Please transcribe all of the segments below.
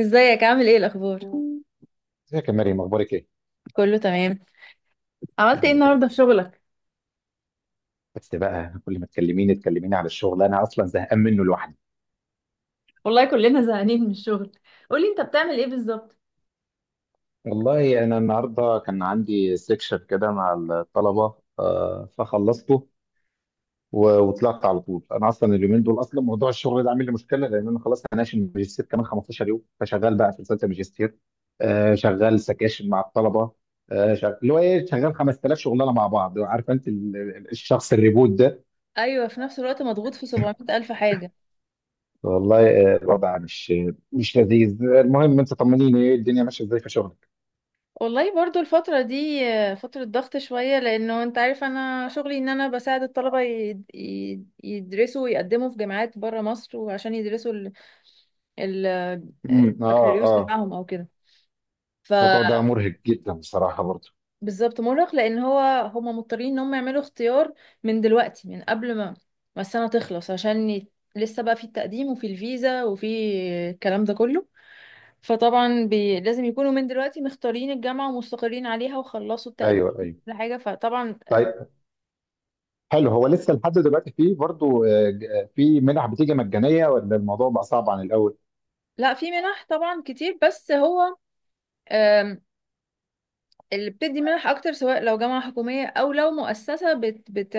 ازيك؟ عامل ايه؟ الاخبار ازيك يا مريم، اخبارك ايه؟ كله تمام. إيه عملت ايه اخبار النهارده في الدنيا؟ شغلك؟ بس بقى كل ما تكلميني على الشغل انا اصلا زهقان منه لوحدي. والله كلنا زهقانين من الشغل. قولي انت بتعمل ايه بالظبط؟ والله انا النهارده كان عندي سيكشن كده مع الطلبه، فخلصته وطلعت على طول. انا اصلا اليومين دول اصلا موضوع الشغل ده عامل لي مشكله لان انا خلاص هناقش الماجستير كمان 15 يوم، فشغال بقى في رساله الماجستير. شغال سكاشن مع الطلبه، شغال اللي هو ايه، شغال 5000 شغلانه مع بعض. عارفه انت الشخص الريبوت ده؟ ايوه، في نفس الوقت مضغوط في 700 الف حاجه. والله الوضع مش لذيذ. المهم انت طمنيني، ايه الدنيا ماشيه ازاي في شغلك؟ والله برضو الفترة دي فترة ضغط شوية، لأنه أنت عارف أنا شغلي إن أنا بساعد الطلبة يدرسوا ويقدموا في جامعات برا مصر، وعشان يدرسوا ال- امم، اه، البكالوريوس اه، بتاعهم أو كده. الموضوع ده مرهق جدا بصراحه برضه. بالظبط مرهق، لان هو هما مضطرين ان هم يعملوا اختيار من دلوقتي، من قبل ما السنه تخلص، عشان لسه بقى في التقديم وفي الفيزا وفي الكلام ده كله. فطبعا لازم يكونوا من دلوقتي مختارين الجامعه ومستقرين عليها وخلصوا التقديم ايوه، ايوه، لحاجه. فطبعا. طيب، حلو. هو لسه لحد دلوقتي فيه برضه في منح بتيجي مجانيه ولا الموضوع بقى صعب عن الاول؟ لا، في منح طبعا كتير، بس هو اللي بتدي منح اكتر، سواء لو جامعة حكومية او لو مؤسسة بت بت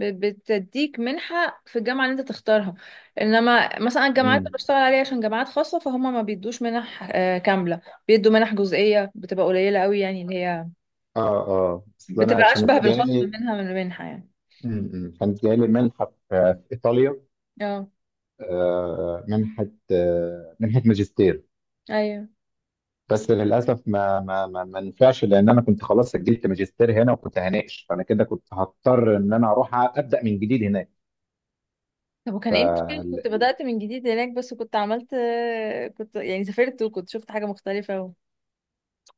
بت- بتديك منحة في الجامعة اللي انت تختارها. انما مثلا الجامعات اللي امم، بشتغل عليها عشان جامعات خاصة، فهم ما بيدوش منح كاملة. بيدوا منح جزئية، بتبقى قليلة قوي، يعني اللي هي اه، اه، اصل انا بتبقى كانت اشبه بالخصم جالي. منها من المنحة يعني. امم، كانت جالي منحه في ايطاليا، اه. آه، منحه منحه ماجستير. ايوه. بس للاسف ما نفعش، لان انا كنت خلاص سجلت ماجستير هنا وكنت هناقش، فانا كده كنت هضطر ان انا اروح ابدا من جديد هناك. طب ف وكان ايه المشكلة؟ كنت بدأت من جديد هناك، بس كنت عملت كنت يعني سافرت وكنت شفت حاجة مختلفة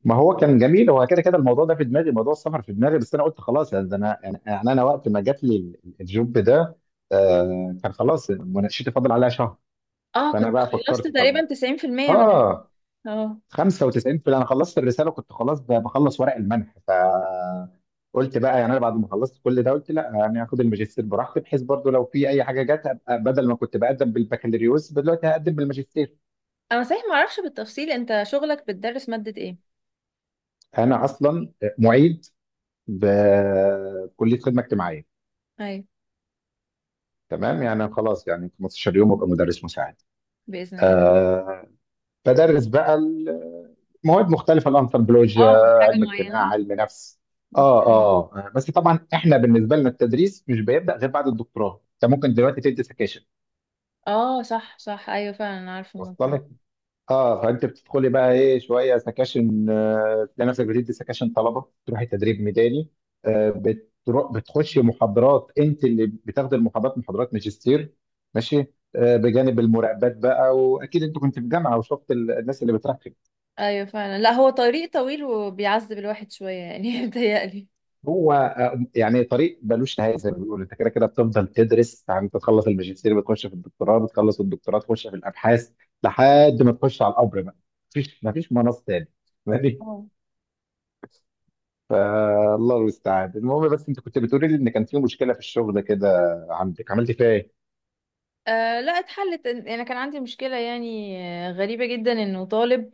ما هو كان جميل، هو كده كده الموضوع ده في دماغي، موضوع السفر في دماغي، بس انا قلت خلاص يعني ده. انا يعني انا وقت ما جات لي الجوب ده، كان خلاص مناقشتي فاضل عليها شهر، اه، فانا كنت بقى خلصت فكرت. طب، تقريبا 90% من. اه اه. 95 في انا خلصت الرساله، كنت خلاص بخلص ورق المنح، فقلت بقى يعني انا بعد ما خلصت كل ده قلت لا، يعني هاخد الماجستير براحتي، بحيث برضو لو في اي حاجه جت ابقى، بدل ما كنت بقدم بالبكالوريوس دلوقتي هقدم بالماجستير. انا صحيح ما اعرفش بالتفصيل، انت شغلك بتدرس مادة ايه؟ انا اصلا معيد بكليه خدمه اجتماعيه. ايوه، تمام يعني خلاص، يعني 15 يوم ابقى مدرس مساعد. باذن الله. آه، بدرس بقى مواد مختلفه، الانثروبولوجيا، اه، مش حاجة علم اجتماع، معينة. علم نفس. اه، اه، بس طبعا احنا بالنسبه لنا التدريس مش بيبدا غير بعد الدكتوراه، انت ممكن دلوقتي تدي سكاشن. اه صح صح، ايوه فعلا، أنا عارفه الموضوع وصل ده. لك؟ اه. فانت بتدخلي بقى ايه، شويه سكاشن، تلاقي نفسك بتدي سكاشن طلبه، تروحي تدريب ميداني، بتروح بتخشي محاضرات، انت اللي بتاخدي المحاضرات، محاضرات ماجستير. ماشي. بجانب المراقبات بقى، واكيد انت كنت في جامعه وشفت الناس اللي بتراقب. ايوه فعلا، لا هو طريق طويل وبيعذب الواحد شويه يعني، متهيألي. هو يعني طريق ملوش نهايه، زي ما بيقولوا، انت كده كده بتفضل تدرس. يعني انت تخلص الماجستير بتخش في الدكتوراه، بتخلص الدكتوراه تخش في الابحاث، لحد ما تخش على القبر بقى. مفيش مناص تاني. ماشي، اه. فالله المستعان. المهم، بس انت كنت بتقولي لي ان كان في مشكله في الشغل كده عندك، عملت فيها ايه؟ آه، لا اتحلت، انا كان عندي مشكله يعني، غريبه جدا انه طالب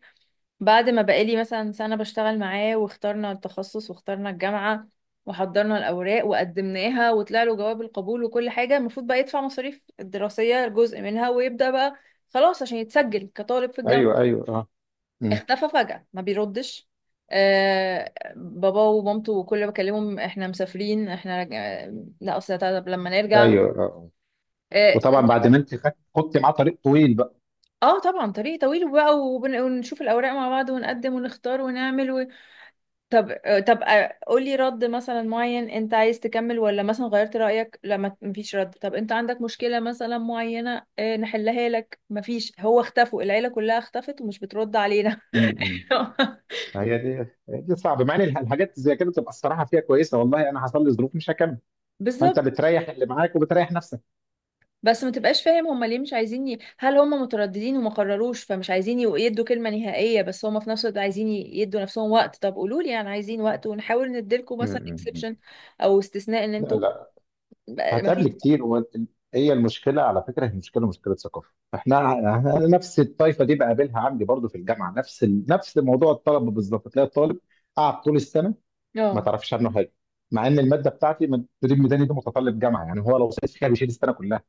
بعد ما بقالي مثلا سنة بشتغل معاه، واخترنا التخصص واخترنا الجامعة وحضرنا الأوراق وقدمناها وطلع له جواب القبول وكل حاجة، المفروض بقى يدفع مصاريف الدراسية جزء منها ويبدأ بقى خلاص عشان يتسجل كطالب في ايوه، الجامعة، ايوه، اه. أمم. اختفى فجأة ما بيردش. آه، بابا ومامته كل ما بكلمهم: احنا مسافرين، احنا لا اصل طب لما نرجع. ايوه، اه، آه. اه. وطبعا بعد ما انت خدت معاه طريق طويل بقى. طبعا طريق طويل بقى، ونشوف الأوراق مع بعض ونقدم ونختار ونعمل. طب طب قولي رد مثلا معين، انت عايز تكمل ولا مثلا غيرت رأيك؟ لما مفيش رد، طب انت عندك مشكلة مثلا معينة نحلها لك؟ مفيش، هو اختفوا، العيلة كلها اختفت ومش بترد علينا. امم هي دي هي دي صعبه، مع ان الحاجات زي كده تبقى الصراحه فيها كويسه، والله انا حصل لي ظروف مش هكمل، فانت بالظبط. بتريح اللي معاك وبتريح نفسك. بس ما تبقاش فاهم هما ليه مش عايزين هل هما مترددين وما قرروش فمش عايزين يدوا كلمة نهائية، بس هما في نفس الوقت عايزين يدوا نفسهم وقت. طب قولوا لي يعني عايزين وقت، ونحاول نديلكم م- مثلا م- اكسبشن م. او استثناء، ان لا، انتوا لا، ما فيش. هتقابل كتير هي المشكله على فكره، هي مشكله ثقافه. أنا نفس الطائفه دي بقابلها عندي برضو في الجامعه، نفس نفس موضوع الطلبه. بالظبط، تلاقي الطالب قاعد طول السنه ما اه تعرفش عنه حاجه، مع ان الماده بتاعتي من تدريب ميداني دي متطلب جامعه، يعني هو لو سقط فيها بيشيل السنه كلها.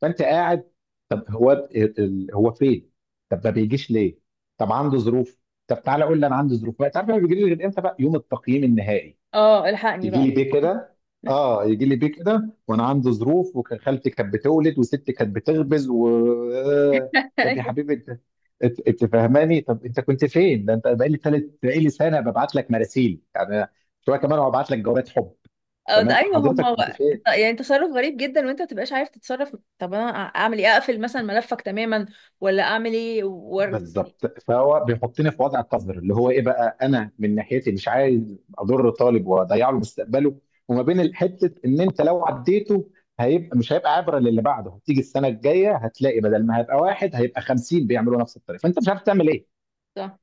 فانت قاعد، طب هو هو فين؟ طب ما بيجيش ليه؟ طب عنده ظروف، طب تعالى قول لي انا عندي ظروف بقى. تعرف ما بيجيليش غير امتى بقى؟ يوم التقييم النهائي. اه، الحقني يجي بقى. لي بيه كده، اه، يجي لي بيه كده وانا عندي ظروف وكان خالتي كانت بتولد وستي كانت بتخبز و آه، طب يا حبيبي انت، أنت فاهماني؟ طب انت كنت فين ده؟ انت بقالي سنه ببعت لك مراسيل، يعني شويه كمان وابعت لك جوابات حب. أو ده، تمام ايوه حضرتك، هما. كنت فين؟ يعني تصرف غريب جدا، وانت ما تبقاش عارف تتصرف. طب انا اعمل ايه؟ اقفل مثلا ملفك تماما، ولا اعمل ايه ورد؟ بالظبط. فهو بيحطني في وضع قذر، اللي هو ايه بقى، انا من ناحيتي مش عايز اضر طالب واضيع له مستقبله، وما بين حته ان انت لو عديته هيبقى، مش هيبقى عبره للي بعده، هتيجي السنه الجايه هتلاقي بدل ما هيبقى واحد هيبقى 50 بيعملوا نفس الطريقه، فانت مش عارف تعمل ايه. صح،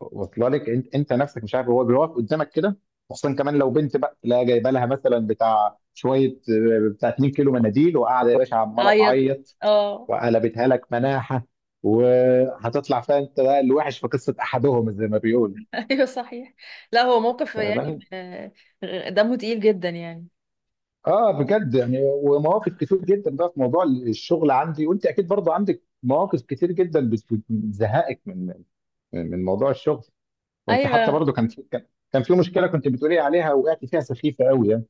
واصله لك؟ انت نفسك مش عارف، هو بيقف قدامك كده، خصوصا كمان لو بنت بقى تلاقي جايبه لها مثلا بتاع شويه، بتاع 2 كيلو مناديل وقاعده يا باشا عماله اعيط. تعيط، اه. وقلبتها لك مناحة، وهتطلع فيها انت بقى الوحش في قصة احدهم زي ما بيقولوا. ايوه صحيح. لا هو موقف يعني فاهماني؟ دمه تقيل جدا يعني. اه، بجد يعني. ومواقف كتير جدا بقى في موضوع الشغل عندي، وانت اكيد برضه عندك مواقف كتير جدا بتزهقك من موضوع الشغل. وانت حتى ايوه. برضه كان في مشكلة كنت بتقولي عليها وقعت فيها سخيفة قوي يعني.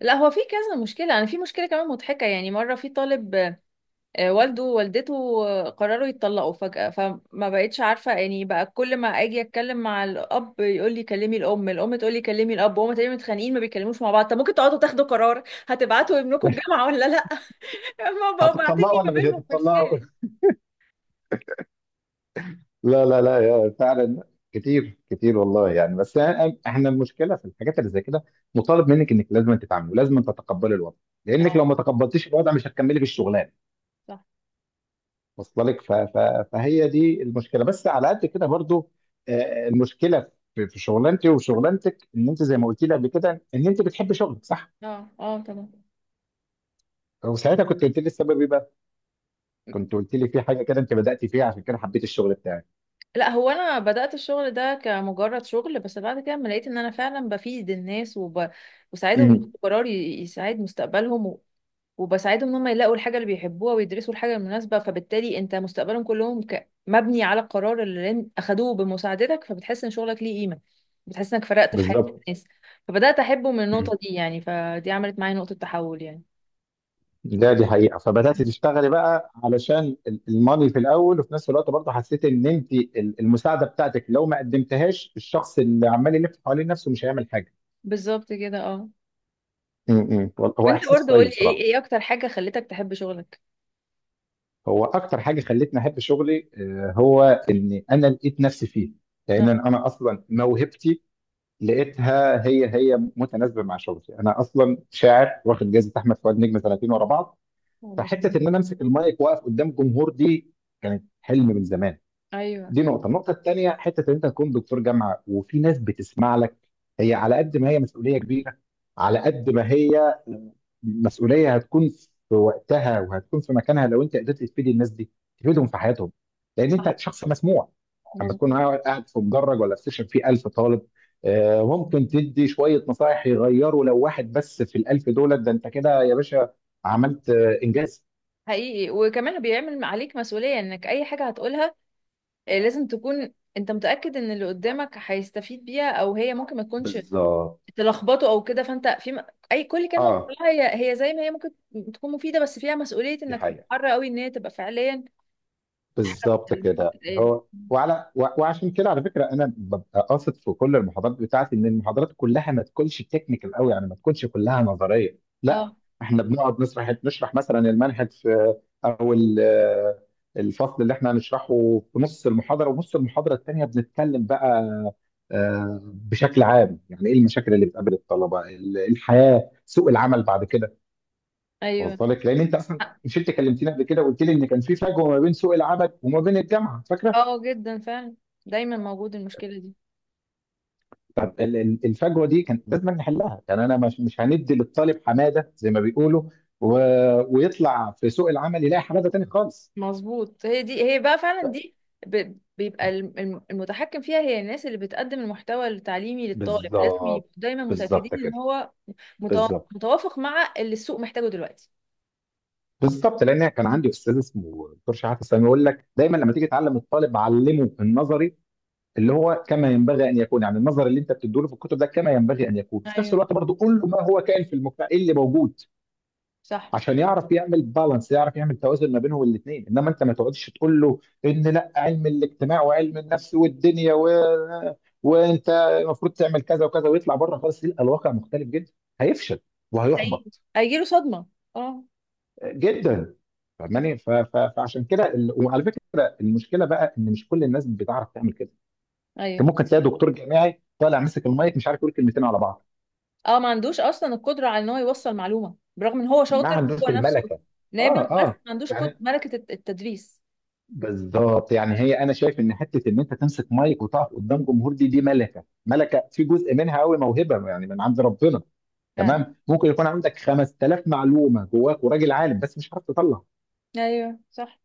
لا، هو في كذا مشكله. انا في مشكله كمان مضحكه يعني، مره في طالب والده ووالدته قرروا يتطلقوا فجأة، فما بقتش عارفة يعني بقى، كل ما اجي اتكلم مع الاب يقول لي كلمي الام، الام تقول لي كلمي الاب، وهما تقريبا متخانقين ما بيتكلموش مع بعض. طب ممكن تقعدوا تاخدوا قرار، هتبعتوا ابنكم الجامعة ولا لا؟ ما بقوا باعتيني هتطلقوا ما ولا مش بينهم في هتطلقوا؟ رسالة. لا، لا، لا، يا فعلا. كتير كتير والله يعني. بس احنا المشكله في الحاجات اللي زي كده، مطالب منك انك لازم تتعاملي ولازم تتقبلي الوضع، لانك اه لو ما تقبلتيش الوضع مش هتكملي في الشغلانه. صح. واصله لك؟ فهي دي المشكله. بس على قد كده برضو المشكله في شغلانتي وشغلانتك، ان انت زي ما قلت لي قبل كده ان انت بتحبي شغلك، صح؟ اه اه طبعا. وساعتها كنت قلت لي السبب ايه بقى؟ كنت قلت لي في حاجه كده انت بدات فيها عشان كده حبيت الشغل بتاعك. لا، هو انا بدأت الشغل ده كمجرد شغل، بس بعد كده لما لقيت ان انا فعلا بفيد الناس وساعدهم امم ياخدوا قرار يساعد مستقبلهم، وبساعدهم ان هم يلاقوا الحاجه اللي بيحبوها ويدرسوا الحاجه المناسبه، فبالتالي انت مستقبلهم كلهم مبني على القرار اللي اخدوه بمساعدتك، فبتحس ان شغلك ليه قيمه، بتحس انك فرقت في حياه بالظبط، الناس، فبدات احبه من النقطه دي يعني، فدي عملت معايا نقطه تحول يعني. دي حقيقة. فبدأت تشتغلي بقى علشان الماني في الأول، وفي نفس الوقت برضه حسيت إن أنت المساعدة بتاعتك لو ما قدمتهاش الشخص اللي عمال يلف حوالين نفسه مش هيعمل حاجة. بالظبط كده اه. هو وانت إحساس برضه كويس قولي، ايه بصراحة. ايه اكتر حاجه خلتك تحب شغلك؟ هو أكتر حاجة خلتني أحب شغلي هو إن أنا لقيت نفسي فيه، لأن اه. أنا أصلا موهبتي لقيتها هي متناسبة مع شغلي. أنا أصلا شاعر واخد جائزة أحمد فؤاد نجم سنتين ورا بعض، هو مظبوط. فحتة إن أنا أمسك المايك وأقف قدام جمهور دي كانت حلم من زمان. ايوه دي نقطة، النقطة التانية حتة إن أنت تكون دكتور جامعة وفي ناس بتسمع لك، هي على قد ما هي مسؤولية كبيرة، على قد ما هي مسؤولية هتكون في وقتها وهتكون في مكانها لو أنت قدرت تفيد الناس دي، تفيدهم في حياتهم، لأن صح أنت شخص مسموع. أما تكون مظبوط. قاعد قاعد في مدرج ولا في سيشن فيه 1000 طالب، ممكن تدي شوية نصائح يغيروا لو واحد بس في الألف، دولت ده أنت كده يا باشا عملت إنجاز. حقيقي، وكمان بيعمل عليك مسؤوليه انك اي حاجه هتقولها لازم تكون انت متأكد ان اللي قدامك هيستفيد بيها، او هي ممكن ما تكونش بالظبط، تلخبطه او كده. فانت في اي كل كلمة آه بتقولها هي هي زي ما هي، ممكن تكون مفيدة بس فيها مسؤولية دي انك حقيقة. تتحرى قوي ان هي تبقى فعليا حاجة بالظبط اللي المفروض كده. تتقال. هو وعلى وعشان كده، على فكره، انا ببقى قاصد في كل المحاضرات بتاعتي ان المحاضرات كلها ما تكونش تكنيكال قوي، يعني ما تكونش كلها نظريه لا، اه. احنا بنقعد نشرح، مثلا المنهج في، او الفصل اللي احنا هنشرحه. في نص المحاضره، ونص المحاضره الثانيه بنتكلم بقى بشكل عام يعني ايه المشاكل اللي بتقابل الطلبه الحياه، سوق العمل بعد كده. ايوه. واصله لك، لان انت اصلا مش انت كلمتني قبل كده وقلت لي ان كان في فجوه ما بين سوق العمل وما بين الجامعه، فاكره؟ اه جدا فعلا، دايما موجود المشكلة دي. طب الفجوه دي كان لازم نحلها يعني، انا مش هندي للطالب حماده زي ما بيقولوا و... ويطلع في سوق العمل يلاقي حماده تاني خالص. مظبوط، هي دي هي بقى فعلا دي بيبقى المتحكم فيها هي الناس اللي بتقدم المحتوى التعليمي للطالب، لازم بالظبط، يبقوا دايما بالظبط متأكدين ان كده. هو متو- بالظبط. متوافق مع اللي السوق محتاجه دلوقتي. بالظبط، لان كان عندي استاذ اسمه دكتور شحاته السامي يقول لك دايما لما تيجي تعلم الطالب علمه النظري اللي هو كما ينبغي ان يكون، يعني النظر اللي انت بتديله في الكتب ده كما ينبغي ان يكون، في نفس ايوه الوقت برضه قول له ما هو كائن في المجتمع، ايه اللي موجود، صح. عشان يعرف يعمل بالانس، يعرف يعمل توازن ما بينهم الاثنين. انما انت ما تقعدش تقول له ان لا علم الاجتماع وعلم النفس والدنيا وانت المفروض تعمل كذا وكذا ويطلع بره خالص يلقى الواقع مختلف جدا، هيفشل هي- وهيحبط هيجيله صدمة. اه. جدا. فاهماني؟ فعشان كده وعلى فكره المشكله بقى ان مش كل الناس بتعرف تعمل كده، انت ايوه ممكن تلاقي دكتور جامعي طالع ماسك المايك مش عارف يقول كلمتين على بعض، اه، ما عندوش اصلا القدرة على ان هو يوصل معلومة، برغم ان هو ما شاطر عندوش وهو نفسه الملكه. اه، نابغ، بس اه، ما عندوش قد يعني ملكة التدريس. بالظبط يعني، هي انا شايف ان حته ان انت تمسك مايك وتقف قدام جمهور دي ملكه، في جزء منها قوي موهبه يعني من عند ربنا. فعلا. تمام، ممكن يكون عندك 5000 معلومه جواك وراجل عالم بس مش عارف تطلع. ايوه صح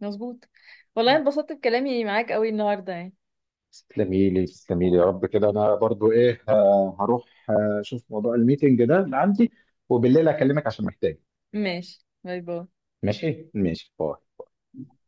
مظبوط. والله انبسطت بكلامي معاك قوي النهاردة يعني. تسلمي لي يا رب، كده انا برضو ايه، هروح اشوف موضوع الميتنج ده اللي عندي، وبالليل اكلمك عشان محتاج. ماشي، باي باي. ماشي، ماشي، باي.